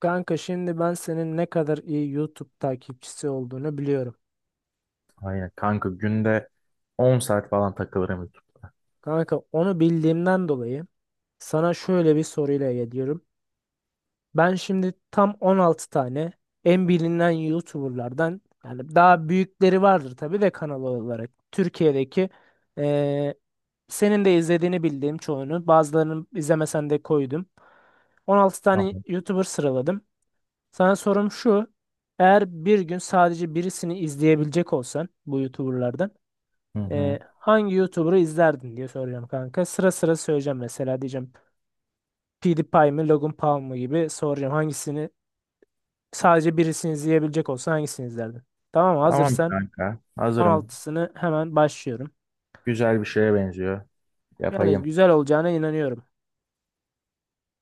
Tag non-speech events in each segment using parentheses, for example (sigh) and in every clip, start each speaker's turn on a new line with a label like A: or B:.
A: Kanka şimdi ben senin ne kadar iyi YouTube takipçisi olduğunu biliyorum.
B: Aynen kanka günde 10 saat falan takılırım YouTube.
A: Kanka onu bildiğimden dolayı sana şöyle bir soruyla geliyorum. Ben şimdi tam 16 tane en bilinen YouTuber'lardan yani daha büyükleri vardır tabii de kanal olarak. Türkiye'deki eee, senin de izlediğini bildiğim çoğunu bazılarını izlemesen de koydum. 16 tane
B: Tamam.
A: YouTuber sıraladım. Sana sorum şu. Eğer bir gün sadece birisini izleyebilecek olsan bu YouTuber'lardan
B: Hı hı.
A: hangi YouTuber'ı izlerdin diye soracağım kanka. Sıra sıra söyleyeceğim, mesela diyeceğim PewDiePie mi Logan Paul mu gibi soracağım, hangisini sadece birisini izleyebilecek olsan hangisini izlerdin? Tamam,
B: Tamam
A: hazırsan
B: kanka. Hazırım.
A: 16'sını hemen başlıyorum.
B: Güzel bir şeye benziyor.
A: Yani
B: Yapayım.
A: güzel olacağına inanıyorum.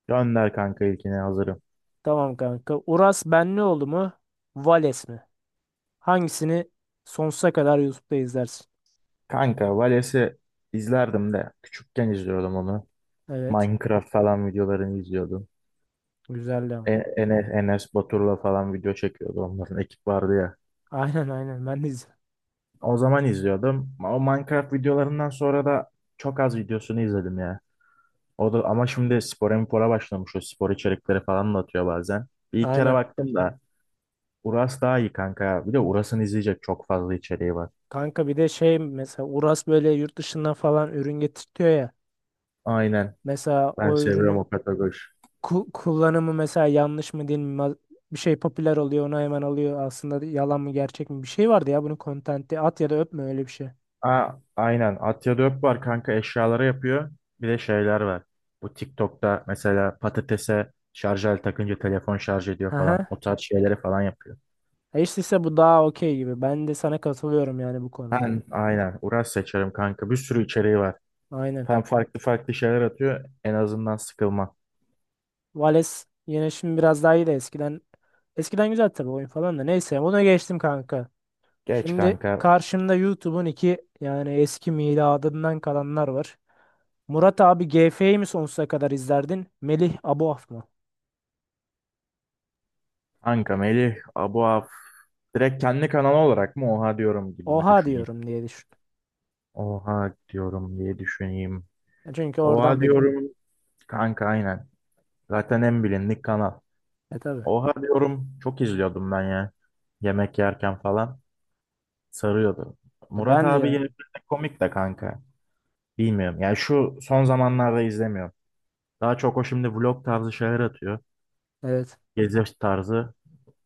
B: Gönder kanka ilkini hazırım.
A: Tamam kanka. Uras Benlioğlu mu? Vales mi? Hangisini sonsuza kadar YouTube'da izlersin?
B: Kanka Vales'i izlerdim de küçükken izliyordum onu.
A: Evet.
B: Minecraft falan videolarını izliyordum.
A: Güzeldi
B: E
A: ama.
B: Enes, Enes Batur'la falan video çekiyordu. Onların ekip vardı ya.
A: Aynen aynen ben de izledim.
B: O zaman izliyordum. O Minecraft videolarından sonra da çok az videosunu izledim ya. O da ama şimdi spora mipora başlamış. O spor içerikleri falan da atıyor bazen. Bir ilk kere
A: Aynen.
B: baktım da Uras daha iyi kanka. Bir de Uras'ın izleyecek çok fazla içeriği var.
A: Kanka bir de şey, mesela Uras böyle yurt dışından falan ürün getirtiyor ya.
B: Aynen.
A: Mesela o
B: Ben seviyorum
A: ürünün
B: o kategori.
A: kullanımı mesela yanlış mı değil mi? Bir şey popüler oluyor, onu hemen alıyor. Aslında yalan mı gerçek mi? Bir şey vardı ya, bunun kontenti at ya da öpme, öyle bir şey.
B: Aa, aynen. Atya Dök var kanka eşyaları yapıyor. Bir de şeyler var. Bu TikTok'ta mesela patatese şarj aleti takınca telefon şarj ediyor falan.
A: Aha.
B: O tarz şeyleri falan yapıyor.
A: E işte ise bu daha okey gibi. Ben de sana katılıyorum yani bu konuda.
B: Ben aynen Uras seçerim kanka. Bir sürü içeriği var.
A: Aynen.
B: Hem farklı farklı şeyler atıyor. En azından sıkılma.
A: Vales yine şimdi biraz daha iyi de eskiden, eskiden güzel tabii, oyun falan da. Neyse, ona geçtim kanka.
B: Geç
A: Şimdi
B: kanka.
A: karşımda YouTube'un iki yani eski miladından kalanlar var. Murat abi GF'yi mi sonsuza kadar izlerdin? Melih Aboaf mı?
B: Kanka Melih, Abu Af. Direkt kendi kanalı olarak mı oha diyorum gibi mi
A: Oha
B: düşüneyim?
A: diyorum diye düşün.
B: Oha diyorum diye düşüneyim.
A: Ya çünkü
B: Oha
A: oradan belirli.
B: diyorum kanka aynen. Zaten en bilindik kanal.
A: E tabii.
B: Oha diyorum çok izliyordum ben ya. Yemek yerken falan sarıyordu.
A: Ya
B: Murat
A: ben de
B: abi
A: yani
B: gerçekten komik de kanka. Bilmiyorum yani şu son zamanlarda izlemiyorum. Daha çok o şimdi vlog tarzı şeyler atıyor.
A: evet,
B: Gezi tarzı.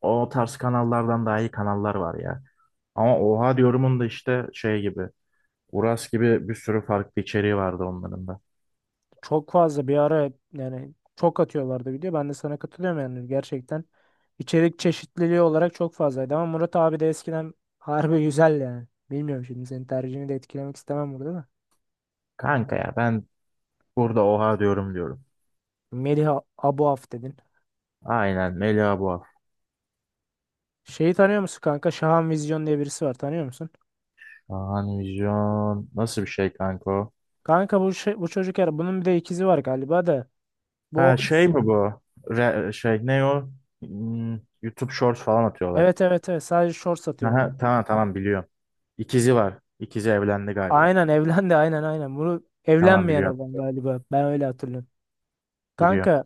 B: O tarz kanallardan daha iyi kanallar var ya. Ama oha diyorumun da işte şey gibi. Uras gibi bir sürü farklı içeriği vardı onların da.
A: çok fazla bir ara yani çok atıyorlardı video. Ben de sana katılıyorum yani gerçekten. İçerik çeşitliliği olarak çok fazlaydı ama Murat abi de eskiden harbi güzel yani. Bilmiyorum, şimdi senin tercihini de etkilemek istemem burada da.
B: Kanka ya ben burada oha diyorum diyorum.
A: Melih Aboaf dedin.
B: Aynen Melia bu.
A: Şeyi tanıyor musun kanka? Şahan Vizyon diye birisi var, tanıyor musun?
B: Şahan Vizyon. Nasıl bir şey kanka o?
A: Kanka bu şey, bu çocuk her bunun bir de ikizi var galiba da. Bu o
B: Ha şey
A: isim-
B: mi bu? Şey ne o? YouTube Shorts falan atıyorlar.
A: Evet evet evet, sadece short satıyor bunda.
B: Aha, tamam tamam biliyorum. İkizi var. İkizi evlendi galiba.
A: Aynen evlendi, aynen aynen. Bunu
B: Tamam
A: evlenmeyen
B: biliyorum.
A: olan galiba. Ben öyle hatırlıyorum.
B: Biliyorum.
A: Kanka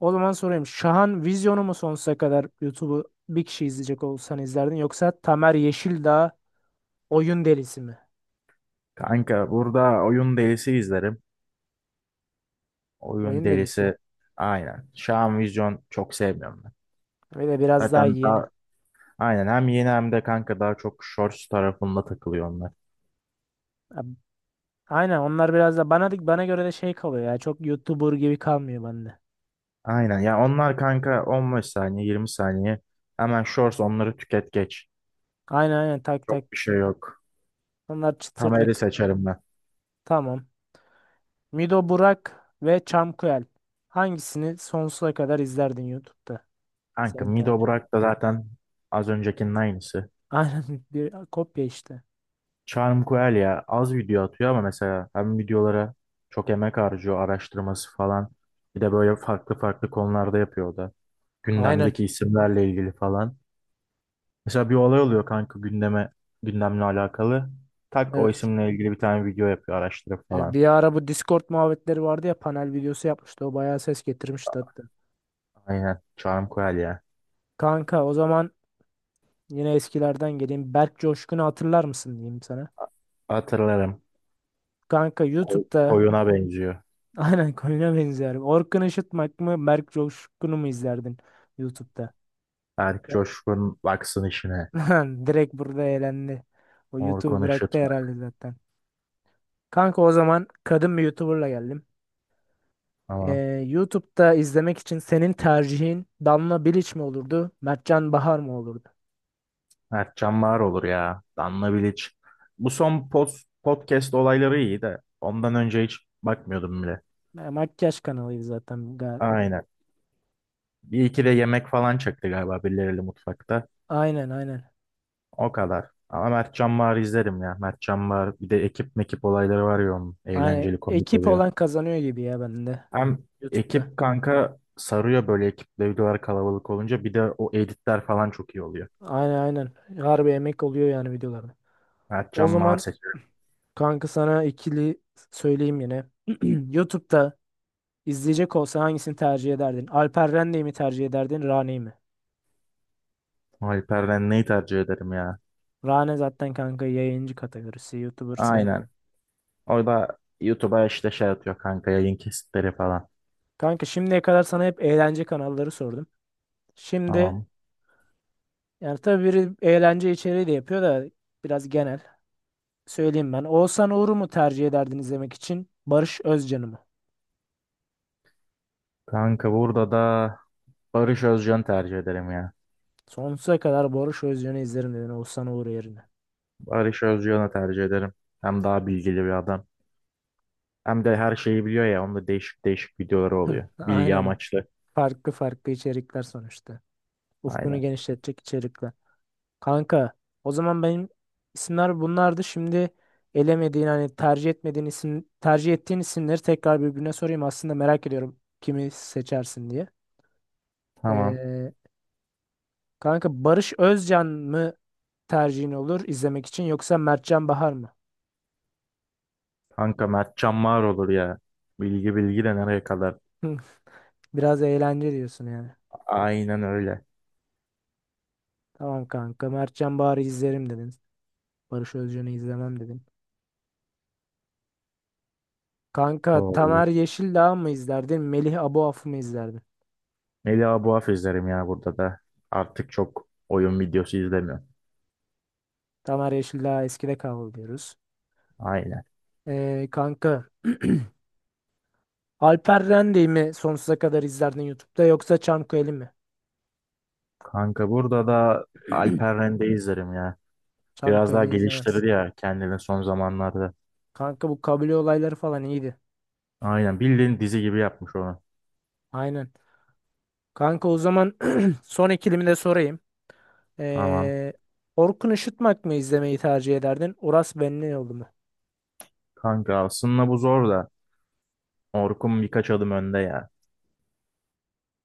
A: o zaman sorayım. Şahan Vizyon'u mu sonsuza kadar YouTube'u, bir kişi izleyecek olsan izlerdin, yoksa Tamer Yeşildağ oyun delisi mi?
B: Kanka burada oyun delisi izlerim. Oyun
A: Oyun delisi.
B: delisi aynen. Şahan Vizyon çok sevmiyorum ben.
A: Ve de biraz daha
B: Zaten
A: yeni.
B: daha. Aynen hem yeni hem de kanka daha çok shorts tarafında takılıyor onlar.
A: Ab- Aynen, onlar biraz da bana göre de şey kalıyor ya. Çok YouTuber gibi kalmıyor bende.
B: Aynen ya onlar kanka 15 saniye 20 saniye hemen shorts onları tüket geç.
A: Aynen aynen, tak tak.
B: Çok bir şey yok.
A: Onlar
B: Tamer'i
A: çıtırlık.
B: seçerim ben.
A: Tamam. Mido Burak ve Çamkuel. Hangisini sonsuza kadar izlerdin YouTube'da?
B: Kanka
A: Senin
B: Mido
A: tercihin
B: Burak da zaten az öncekinin aynısı.
A: aynen (laughs) bir kopya işte.
B: Charm Coel ya az video atıyor ama mesela hem videolara çok emek harcıyor araştırması falan. Bir de böyle farklı farklı konularda yapıyor o da.
A: Aynen.
B: Gündemdeki isimlerle ilgili falan. Mesela bir olay oluyor kanka gündemle alakalı. Tak o
A: Evet.
B: isimle ilgili bir tane video yapıyor araştırıp falan.
A: Bir ara bu Discord muhabbetleri vardı ya, panel videosu yapmıştı. O bayağı ses getirmişti hatta.
B: Aynen. Çağrı Koyalya.
A: Kanka o zaman yine eskilerden geleyim. Berk Coşkun'u hatırlar mısın diyeyim sana.
B: Hatırlarım.
A: Kanka YouTube'da
B: Koyuna benziyor.
A: (laughs) aynen konuya benziyorum. Orkun Işıtmak mı Berk Coşkun'u mu izlerdin YouTube'da?
B: Berk Coşkun baksın işine.
A: (laughs) Direkt burada eğlendi. O YouTube
B: Orkun
A: bıraktı
B: Işıt
A: herhalde
B: bak.
A: zaten. Kanka o zaman kadın bir YouTuber'la geldim.
B: Aman.
A: YouTube'da izlemek için senin tercihin Damla Bilic mi olurdu, Mertcan Bahar mı olurdu?
B: Erkcan var olur ya. Danla Bilic. Bu son podcast olayları iyi de ondan önce hiç bakmıyordum bile.
A: Ya, makyaj kanalıydı zaten.
B: Aynen. Bir iki de yemek falan çekti galiba birileriyle mutfakta.
A: Aynen aynen.
B: O kadar. Ama Mert Can Bağır'ı izlerim ya. Mert Can Bağır bir de ekip mekip olayları var ya onun.
A: Hani
B: Eğlenceli komik
A: ekip
B: oluyor.
A: olan kazanıyor gibi ya bende
B: Hem
A: YouTube'da.
B: ekip kanka sarıyor böyle ekiple videolar kalabalık olunca. Bir de o editler falan çok iyi oluyor.
A: Aynen aynen. Harbi emek oluyor yani videolarda.
B: Mert
A: O
B: Can Bağır
A: zaman
B: seçerim.
A: kanka sana ikili söyleyeyim yine. (clears throat) YouTube'da İzleyecek olsa hangisini tercih ederdin? Alper Rende'yi mi tercih ederdin, Rane'yi mi?
B: Alper'den neyi tercih ederim ya?
A: Rane zaten kanka yayıncı kategorisi. YouTuber sayılmaz.
B: Aynen. Orada YouTube'a işte şey atıyor kanka yayın kesitleri falan.
A: Kanka şimdiye kadar sana hep eğlence kanalları sordum. Şimdi
B: Tamam.
A: yani tabii biri eğlence içeriği de yapıyor da biraz genel. Söyleyeyim ben. Oğuzhan Uğur'u mu tercih ederdin izlemek için, Barış Özcan'ı mı?
B: Kanka burada da Barış Özcan'ı tercih ederim ya.
A: Sonsuza kadar Barış Özcan'ı izlerim dedin, Oğuzhan Uğur yerine.
B: Barış Özcan'ı tercih ederim. Hem daha bilgili bir adam. Hem de her şeyi biliyor ya. Onda değişik değişik videoları
A: (laughs)
B: oluyor. Bilgi
A: Aynen.
B: amaçlı.
A: Farklı farklı içerikler sonuçta. Ufkunu
B: Aynen.
A: genişletecek içerikler. Kanka o zaman benim isimler bunlardı. Şimdi elemediğin hani tercih etmediğin isim, tercih ettiğin isimleri tekrar birbirine sorayım. Aslında merak ediyorum kimi seçersin diye.
B: Tamam.
A: Ee, kanka Barış Özcan mı tercihin olur izlemek için, yoksa Mertcan Bahar mı?
B: Kanka Mertcan Mağar olur ya. Bilgi bilgi de nereye kadar?
A: (laughs) Biraz eğlence diyorsun yani.
B: Aynen öyle.
A: Tamam kanka, Mertcan Bahar'ı izlerim dedin. Barış Özcan'ı izlemem dedin. Kanka
B: Doğru.
A: Tamer Yeşildağ mı izlerdin, Melih Aboaf'ı mı izlerdin?
B: Melih Buaf izlerim ya burada da. Artık çok oyun videosu izlemiyorum.
A: Tamer Yeşildağ eskide kaldı diyoruz.
B: Aynen.
A: Kanka (clears throat) Alper Rende'yi mi sonsuza kadar izlerdin YouTube'da, yoksa Çanköy'ü mi?
B: Kanka burada da Alper
A: (clears throat)
B: Rende izlerim ya. Biraz daha
A: Çanköy'ü izlemez.
B: geliştirdi ya kendini son zamanlarda.
A: Kanka bu kabile olayları falan iyiydi.
B: Aynen bildiğin dizi gibi yapmış onu.
A: Aynen. Kanka o zaman (clears throat) son ikilimi de sorayım.
B: Tamam.
A: Ee, Orkun Işıtmak mı izlemeyi tercih ederdin, Uras Benlioğlu mu?
B: Kanka aslında bu zor da. Orkun birkaç adım önde ya.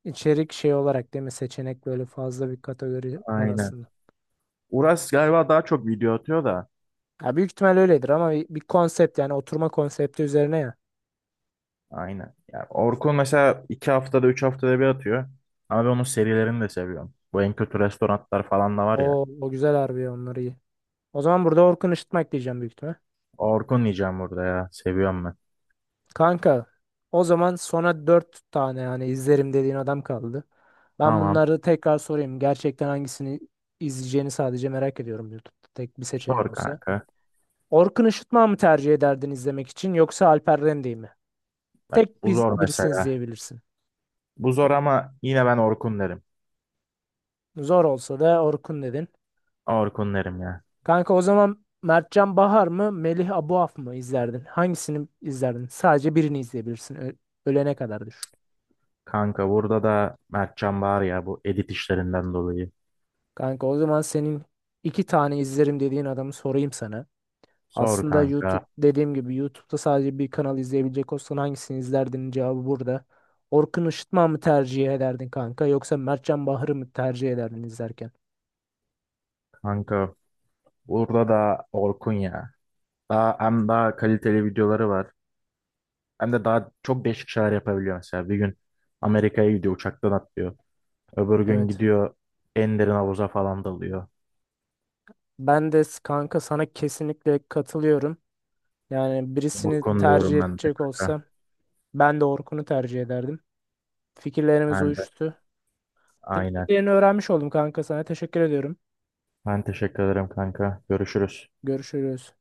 A: İçerik şey olarak değil mi? Seçenek böyle fazla bir kategori var
B: Aynen.
A: aslında.
B: Uras galiba daha çok video atıyor da.
A: Ya büyük ihtimal öyledir ama bir konsept yani, oturma konsepti üzerine ya.
B: Aynen. Yani Orkun mesela 2 haftada 3 haftada bir atıyor. Ama ben onun serilerini de seviyorum. Bu en kötü restoranlar falan da var ya.
A: O güzel harbi, onları iyi. O zaman burada Orkun Işıtmak diyeceğim büyük ihtimal.
B: Orkun diyeceğim burada ya. Seviyorum ben.
A: Kanka o zaman sona 4 tane yani izlerim dediğin adam kaldı. Ben
B: Tamam.
A: bunları tekrar sorayım. Gerçekten hangisini izleyeceğini sadece merak ediyorum, YouTube'da tek bir seçeneğin
B: Sor
A: olsa.
B: kanka.
A: Orkun Işıtma mı tercih ederdin izlemek için, yoksa Alper Rende'yi mi?
B: Bak bu zor
A: Birisini
B: mesela.
A: izleyebilirsin.
B: Bu zor ama yine ben Orkun derim.
A: Zor olsa da Orkun dedin.
B: Orkun derim ya.
A: Kanka o zaman Mertcan Bahar mı Melih Abuaf mı izlerdin? Hangisini izlerdin? Sadece birini izleyebilirsin. Ölene kadar düşün.
B: Kanka burada da Mertcan var ya bu edit işlerinden dolayı.
A: Kanka o zaman senin iki tane izlerim dediğin adamı sorayım sana.
B: Sor
A: Aslında YouTube
B: kanka.
A: dediğim gibi, YouTube'da sadece bir kanal izleyebilecek olsan hangisini izlerdin, cevabı burada. Orkun Işıtma mı tercih ederdin kanka, yoksa Mertcan Bahar'ı mı tercih ederdin izlerken?
B: Kanka burada da Orkun ya. Hem daha kaliteli videoları var. Hem de daha çok değişik şeyler yapabiliyor mesela. Bir gün Amerika'ya gidiyor uçaktan atlıyor. Öbür gün
A: Evet.
B: gidiyor en derin havuza falan dalıyor.
A: Kanka sana kesinlikle katılıyorum. Yani birisini
B: Burkun
A: tercih
B: diyorum ben de
A: edecek
B: kanka.
A: olsam ben de Orkun'u tercih ederdim. Fikirlerimiz
B: Ben de.
A: uyuştu.
B: Aynen.
A: Tercihlerini öğrenmiş oldum kanka, sana teşekkür ediyorum.
B: Ben teşekkür ederim kanka. Görüşürüz.
A: Görüşürüz.